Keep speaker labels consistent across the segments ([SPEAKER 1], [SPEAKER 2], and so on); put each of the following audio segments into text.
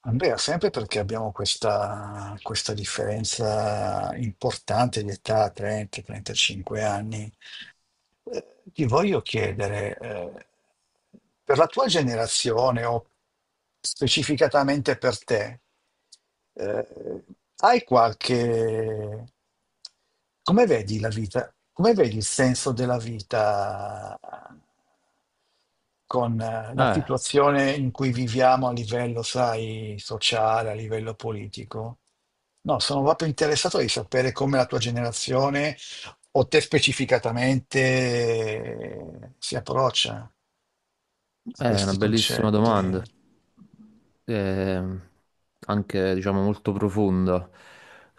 [SPEAKER 1] Andrea, sempre perché abbiamo questa differenza importante di età, 30-35 anni, ti voglio chiedere, per la tua generazione o specificatamente per te, eh, hai qualche... Come vedi la vita? Come vedi il senso della vita con la
[SPEAKER 2] Eh,
[SPEAKER 1] situazione in cui viviamo a livello, sai, sociale, a livello politico. No, sono proprio interessato di sapere come la tua generazione o te specificatamente si approccia
[SPEAKER 2] eh,
[SPEAKER 1] a
[SPEAKER 2] è una
[SPEAKER 1] questi
[SPEAKER 2] bellissima
[SPEAKER 1] concetti,
[SPEAKER 2] domanda, Eh, anche diciamo molto profonda,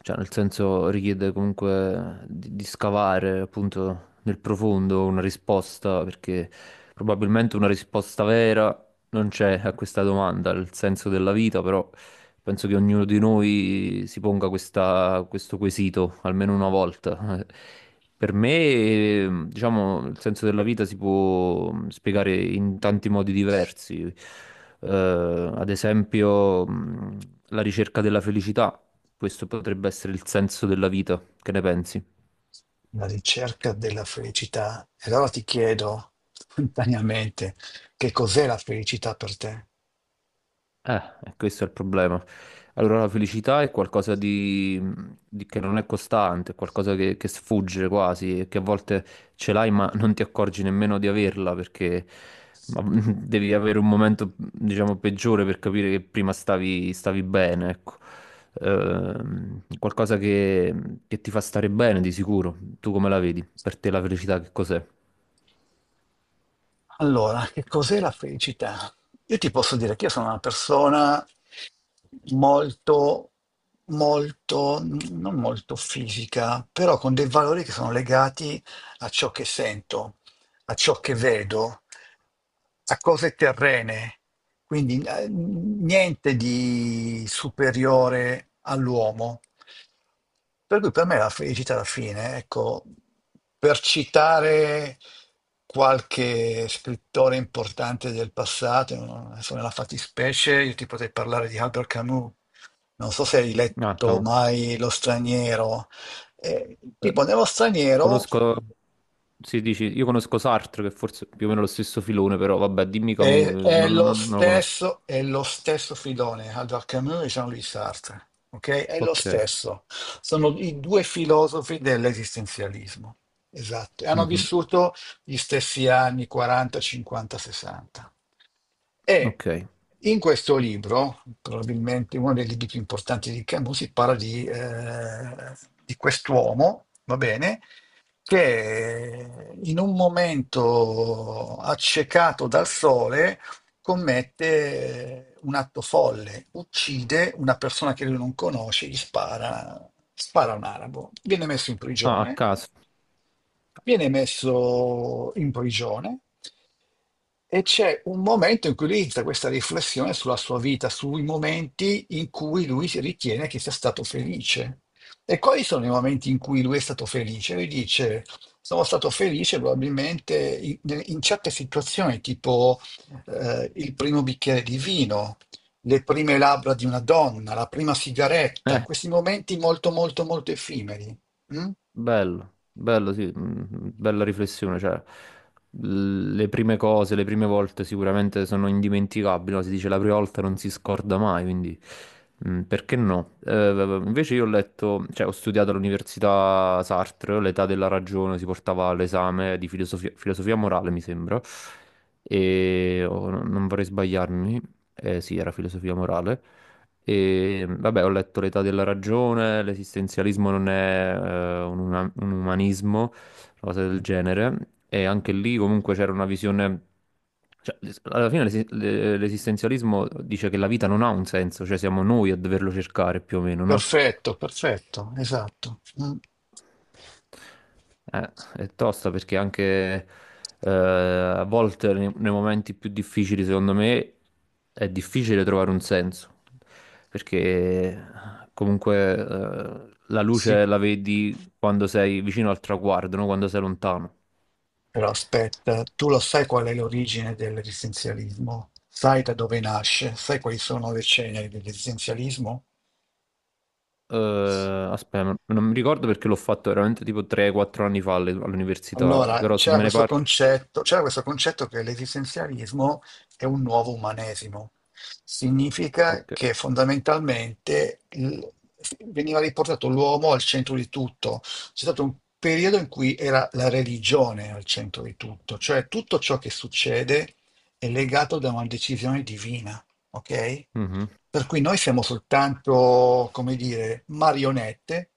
[SPEAKER 2] cioè nel senso richiede comunque di scavare appunto nel profondo una risposta, perché probabilmente una risposta vera non c'è a questa domanda, il senso della vita, però penso che ognuno di noi si ponga questo quesito almeno una volta. Per me, diciamo, il senso della vita si può spiegare in tanti modi diversi. Eh, ad esempio, la ricerca della felicità. Questo potrebbe essere il senso della vita. Che ne pensi?
[SPEAKER 1] la ricerca della felicità. E allora ti chiedo spontaneamente che cos'è la felicità per te?
[SPEAKER 2] Eh, e questo è il problema. Allora, la felicità è qualcosa che non è costante, è qualcosa che sfugge quasi, e che a volte ce l'hai ma non ti accorgi nemmeno di averla perché ma, devi avere un momento, diciamo, peggiore per capire che prima stavi bene, ecco. Qualcosa che ti fa stare bene di sicuro. Tu come la vedi? Per te la felicità che cos'è?
[SPEAKER 1] Allora, che cos'è la felicità? Io ti posso dire che io sono una persona molto, molto, non molto fisica, però con dei valori che sono legati a ciò che sento, a ciò che vedo, a cose terrene. Quindi niente di superiore all'uomo. Per cui per me la felicità alla fine, ecco, per citare qualche scrittore importante del passato, adesso nella fattispecie io ti potrei parlare di Albert Camus, non so se hai
[SPEAKER 2] Ah,
[SPEAKER 1] letto
[SPEAKER 2] cavolo.
[SPEAKER 1] mai Lo straniero. Eh,
[SPEAKER 2] Eh,
[SPEAKER 1] tipo, nello straniero.
[SPEAKER 2] Conosco, si dici, io conosco Sartre, che forse è più o meno lo stesso filone, però vabbè, dimmi Camus,
[SPEAKER 1] È, è lo
[SPEAKER 2] non lo conosco.
[SPEAKER 1] stesso, è lo stesso filone, Albert Camus e Jean-Louis Sartre, ok? È lo
[SPEAKER 2] Ok,
[SPEAKER 1] stesso. Sono i due filosofi dell'esistenzialismo. Esatto. E hanno
[SPEAKER 2] mhm,
[SPEAKER 1] vissuto gli stessi anni 40, 50, 60. E
[SPEAKER 2] ok.
[SPEAKER 1] in questo libro, probabilmente uno dei libri più importanti di Camus, si parla di quest'uomo, va bene, che in un momento accecato dal sole commette un atto folle, uccide una persona che lui non conosce, gli spara, spara a un arabo,
[SPEAKER 2] Ah, a caso.
[SPEAKER 1] viene messo in prigione e c'è un momento in cui lui inizia questa riflessione sulla sua vita, sui momenti in cui lui si ritiene che sia stato felice. E quali sono i momenti in cui lui è stato felice? Lui dice, sono stato felice probabilmente in certe situazioni, tipo il primo bicchiere di vino, le prime labbra di una donna, la prima sigaretta,
[SPEAKER 2] Eh,
[SPEAKER 1] questi momenti molto, molto, molto effimeri. Mm?
[SPEAKER 2] Bello, bello, sì, mm, bella riflessione, cioè le prime cose, le prime volte sicuramente sono indimenticabili, no? Si dice la prima volta non si scorda mai, quindi perché no? Invece io ho letto, cioè ho studiato all'università Sartre, l'età della ragione, si portava all'esame di filosofia, filosofia morale, mi sembra, e oh, non vorrei sbagliarmi, sì, era filosofia morale. E vabbè, ho letto L'età della ragione, l'esistenzialismo non è un umanismo, una cosa del genere. E anche lì comunque c'era una visione... Cioè, alla fine l'esistenzialismo dice che la vita non ha un senso, cioè siamo noi a doverlo cercare più o meno, no?
[SPEAKER 1] Perfetto, perfetto, esatto. Mm.
[SPEAKER 2] È tosta perché anche a volte nei momenti più difficili, secondo me, è difficile trovare un senso. Perché comunque la
[SPEAKER 1] Sì,
[SPEAKER 2] luce la vedi quando sei vicino al traguardo, no? Quando sei lontano.
[SPEAKER 1] però aspetta, tu lo sai qual è l'origine dell'esistenzialismo? Sai da dove nasce? Sai quali sono le ceneri dell'esistenzialismo?
[SPEAKER 2] Aspetta, non mi ricordo perché l'ho fatto veramente tipo 3-4 anni fa all'università,
[SPEAKER 1] Allora,
[SPEAKER 2] però se me ne parli...
[SPEAKER 1] c'era questo concetto che l'esistenzialismo è un nuovo umanesimo. Significa
[SPEAKER 2] Ok.
[SPEAKER 1] che fondamentalmente veniva riportato l'uomo al centro di tutto. C'è stato un periodo in cui era la religione al centro di tutto, cioè tutto ciò che succede è legato da una decisione divina, ok?
[SPEAKER 2] Mhm,
[SPEAKER 1] Per cui noi siamo soltanto, come dire, marionette,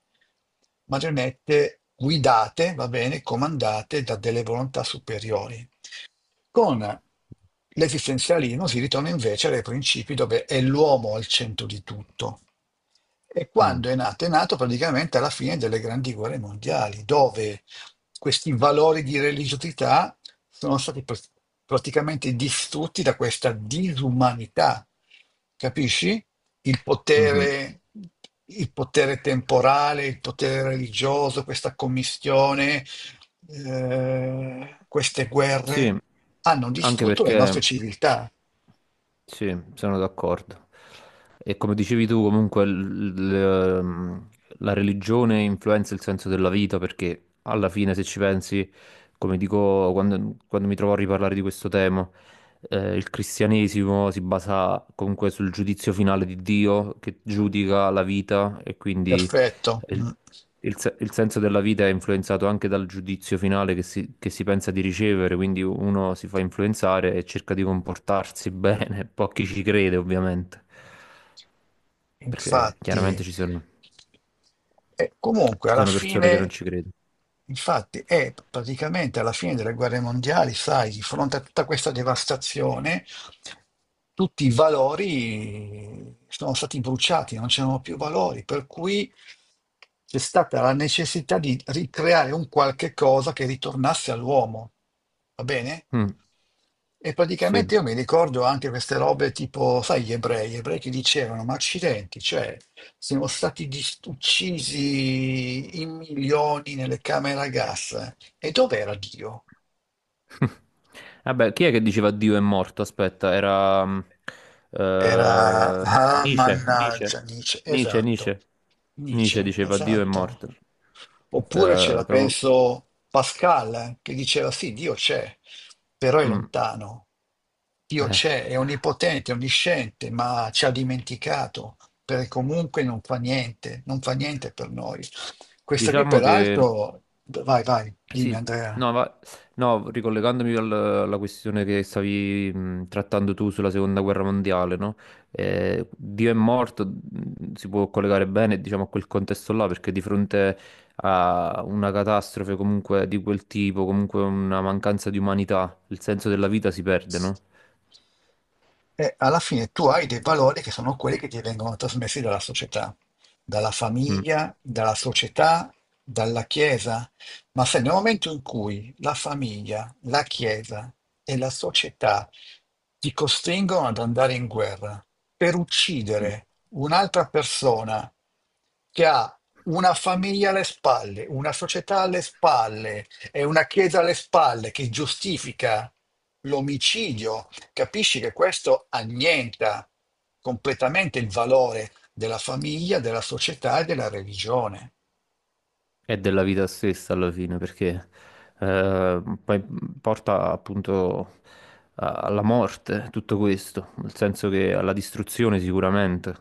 [SPEAKER 1] marionette guidate, va bene, comandate da delle volontà superiori. Con l'esistenzialismo si ritorna invece ai principi dove è l'uomo al centro di tutto. E
[SPEAKER 2] mm,
[SPEAKER 1] quando è nato? È nato praticamente alla fine delle grandi guerre mondiali, dove questi valori di religiosità sono stati praticamente distrutti da questa disumanità. Capisci? Il
[SPEAKER 2] mhm.
[SPEAKER 1] potere, il potere temporale, il potere religioso, questa commistione, queste
[SPEAKER 2] Sì,
[SPEAKER 1] guerre hanno
[SPEAKER 2] anche
[SPEAKER 1] distrutto le
[SPEAKER 2] perché...
[SPEAKER 1] nostre civiltà.
[SPEAKER 2] Sì, sono d'accordo. E come dicevi tu, comunque ehm, la religione influenza il senso della vita perché alla fine, se ci pensi, come dico quando mi trovo a riparlare di questo tema, il cristianesimo si basa comunque sul giudizio finale di Dio che giudica la vita e quindi
[SPEAKER 1] Perfetto.
[SPEAKER 2] il,
[SPEAKER 1] Mm.
[SPEAKER 2] il se- il senso della vita è influenzato anche dal giudizio finale che si pensa di ricevere, quindi uno si fa influenzare e cerca di comportarsi bene, pochi ci crede ovviamente, perché
[SPEAKER 1] Infatti,
[SPEAKER 2] chiaramente ci sono,
[SPEAKER 1] e comunque
[SPEAKER 2] ci
[SPEAKER 1] alla
[SPEAKER 2] sono persone che non
[SPEAKER 1] fine,
[SPEAKER 2] ci credono.
[SPEAKER 1] infatti, è praticamente alla fine delle guerre mondiali, sai, di fronte a tutta questa devastazione, tutti i valori sono stati bruciati, non c'erano più valori, per cui c'è stata la necessità di ricreare un qualche cosa che ritornasse all'uomo, va bene?
[SPEAKER 2] Mm,
[SPEAKER 1] E
[SPEAKER 2] sì.
[SPEAKER 1] praticamente io mi ricordo anche queste robe tipo, sai, gli ebrei che dicevano, ma accidenti, cioè, siamo stati uccisi in milioni nelle camere a gas, eh? E dov'era Dio?
[SPEAKER 2] Vabbè, chi è che diceva Dio è morto? Aspetta, era
[SPEAKER 1] Era,
[SPEAKER 2] eh,
[SPEAKER 1] ah,
[SPEAKER 2] Nietzsche, Nietzsche,
[SPEAKER 1] mannaggia, Nietzsche,
[SPEAKER 2] Nietzsche,
[SPEAKER 1] esatto,
[SPEAKER 2] Nietzsche. Nietzsche
[SPEAKER 1] Nietzsche,
[SPEAKER 2] diceva Dio è
[SPEAKER 1] esatto.
[SPEAKER 2] morto.
[SPEAKER 1] Oppure
[SPEAKER 2] Eh,
[SPEAKER 1] c'era,
[SPEAKER 2] proprio...
[SPEAKER 1] penso, Pascal, che diceva sì, Dio c'è, però è
[SPEAKER 2] Mm,
[SPEAKER 1] lontano. Dio
[SPEAKER 2] eh.
[SPEAKER 1] c'è, è onnipotente, onnisciente, ma ci ha dimenticato, perché comunque non fa niente, non fa niente per noi. Questa qui,
[SPEAKER 2] Diciamo che
[SPEAKER 1] peraltro, vai, vai, dimmi
[SPEAKER 2] sì,
[SPEAKER 1] Andrea.
[SPEAKER 2] no, no, ricollegandomi alla questione che stavi trattando tu sulla seconda guerra mondiale, no? Dio è morto, si può collegare bene, diciamo, a quel contesto là, perché di fronte a una catastrofe comunque di quel tipo, comunque una mancanza di umanità, il senso della vita si perde, no?
[SPEAKER 1] E alla fine tu hai dei valori che sono quelli che ti vengono trasmessi dalla società, dalla
[SPEAKER 2] Mm.
[SPEAKER 1] famiglia, dalla società, dalla Chiesa. Ma se nel momento in cui la famiglia, la Chiesa e la società ti costringono ad andare in guerra per
[SPEAKER 2] Mm.
[SPEAKER 1] uccidere un'altra persona che ha una famiglia alle spalle, una società alle spalle e una Chiesa alle spalle che giustifica l'omicidio, capisci che questo annienta completamente il valore della famiglia, della società e della religione.
[SPEAKER 2] È della vita stessa alla fine, perché poi porta appunto alla morte tutto questo, nel senso che alla distruzione sicuramente.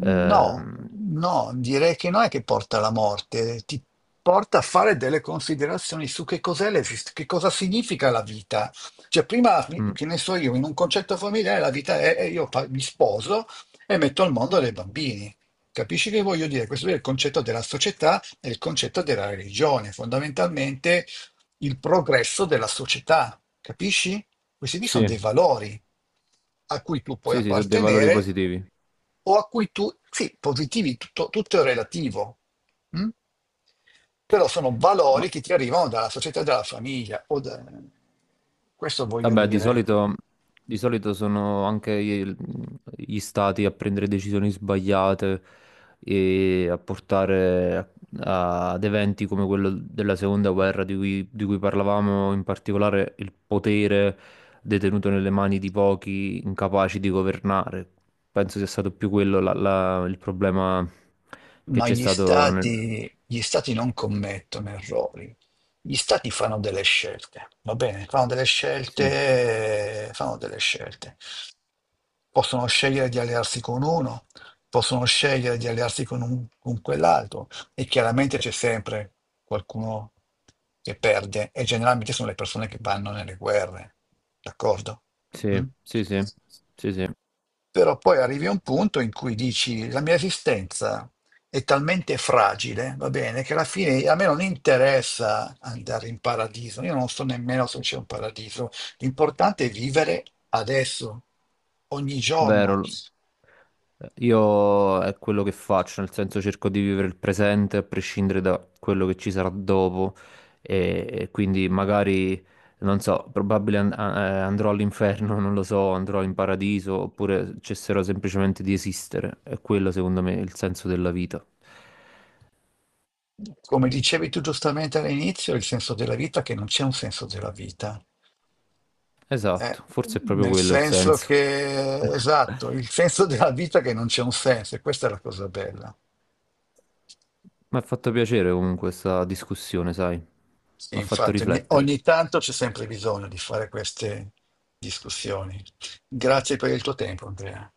[SPEAKER 1] No,
[SPEAKER 2] Ehm,
[SPEAKER 1] no, direi che non è che porta alla morte, ti porta a fare delle considerazioni su che cos'è che cosa significa la vita. Cioè, prima,
[SPEAKER 2] mm,
[SPEAKER 1] che ne so io, in un concetto familiare la vita è mi sposo e metto al mondo dei bambini. Capisci che voglio dire? Questo è il concetto della società e il concetto della religione, fondamentalmente il progresso della società, capisci? Questi qui sono
[SPEAKER 2] sì,
[SPEAKER 1] dei valori a cui tu puoi
[SPEAKER 2] sì, sì, sono dei valori
[SPEAKER 1] appartenere
[SPEAKER 2] positivi.
[SPEAKER 1] o a cui tu, sì, positivi, tutto, tutto è relativo, mm? Però sono
[SPEAKER 2] Ma
[SPEAKER 1] valori che ti arrivano dalla società, dalla famiglia, questo voglio
[SPEAKER 2] vabbè, di
[SPEAKER 1] dire.
[SPEAKER 2] solito, di solito sono anche gli stati a prendere decisioni sbagliate e a portare ad eventi come quello della seconda guerra di cui parlavamo, in particolare il potere detenuto nelle mani di pochi incapaci di governare. Penso sia stato più quello il problema che
[SPEAKER 1] Ma
[SPEAKER 2] c'è stato nel...
[SPEAKER 1] gli stati non commettono errori, gli stati fanno delle scelte, va bene? Fanno delle
[SPEAKER 2] Sì,
[SPEAKER 1] scelte, fanno delle scelte. Possono scegliere di allearsi con uno, possono scegliere di allearsi con quell'altro e chiaramente c'è sempre qualcuno che perde e generalmente sono le persone che vanno nelle guerre, d'accordo?
[SPEAKER 2] sì,
[SPEAKER 1] Mm?
[SPEAKER 2] sì, sì, sì, sì.
[SPEAKER 1] Però poi arrivi a un punto in cui dici la mia esistenza è talmente fragile, va bene, che alla fine a me non interessa andare in paradiso, io non so nemmeno se c'è un paradiso, l'importante è vivere adesso, ogni giorno.
[SPEAKER 2] Vero, io è quello che faccio, nel senso cerco di vivere il presente a prescindere da quello che ci sarà dopo e quindi magari, non so, probabile andrò all'inferno, non lo so, andrò in paradiso oppure cesserò semplicemente di esistere. È quello secondo me il senso della vita.
[SPEAKER 1] Come dicevi tu giustamente all'inizio, il senso della vita è che non c'è un senso della vita. Eh,
[SPEAKER 2] Esatto, forse è proprio
[SPEAKER 1] nel
[SPEAKER 2] quello il
[SPEAKER 1] senso
[SPEAKER 2] senso.
[SPEAKER 1] che, esatto, il senso della vita è che non c'è un senso, e questa è la cosa bella.
[SPEAKER 2] Mi ha fatto piacere comunque questa discussione, sai, mi
[SPEAKER 1] Sì,
[SPEAKER 2] ha fatto
[SPEAKER 1] infatti,
[SPEAKER 2] riflettere.
[SPEAKER 1] ogni tanto c'è sempre bisogno di fare queste discussioni. Grazie per il tuo tempo, Andrea.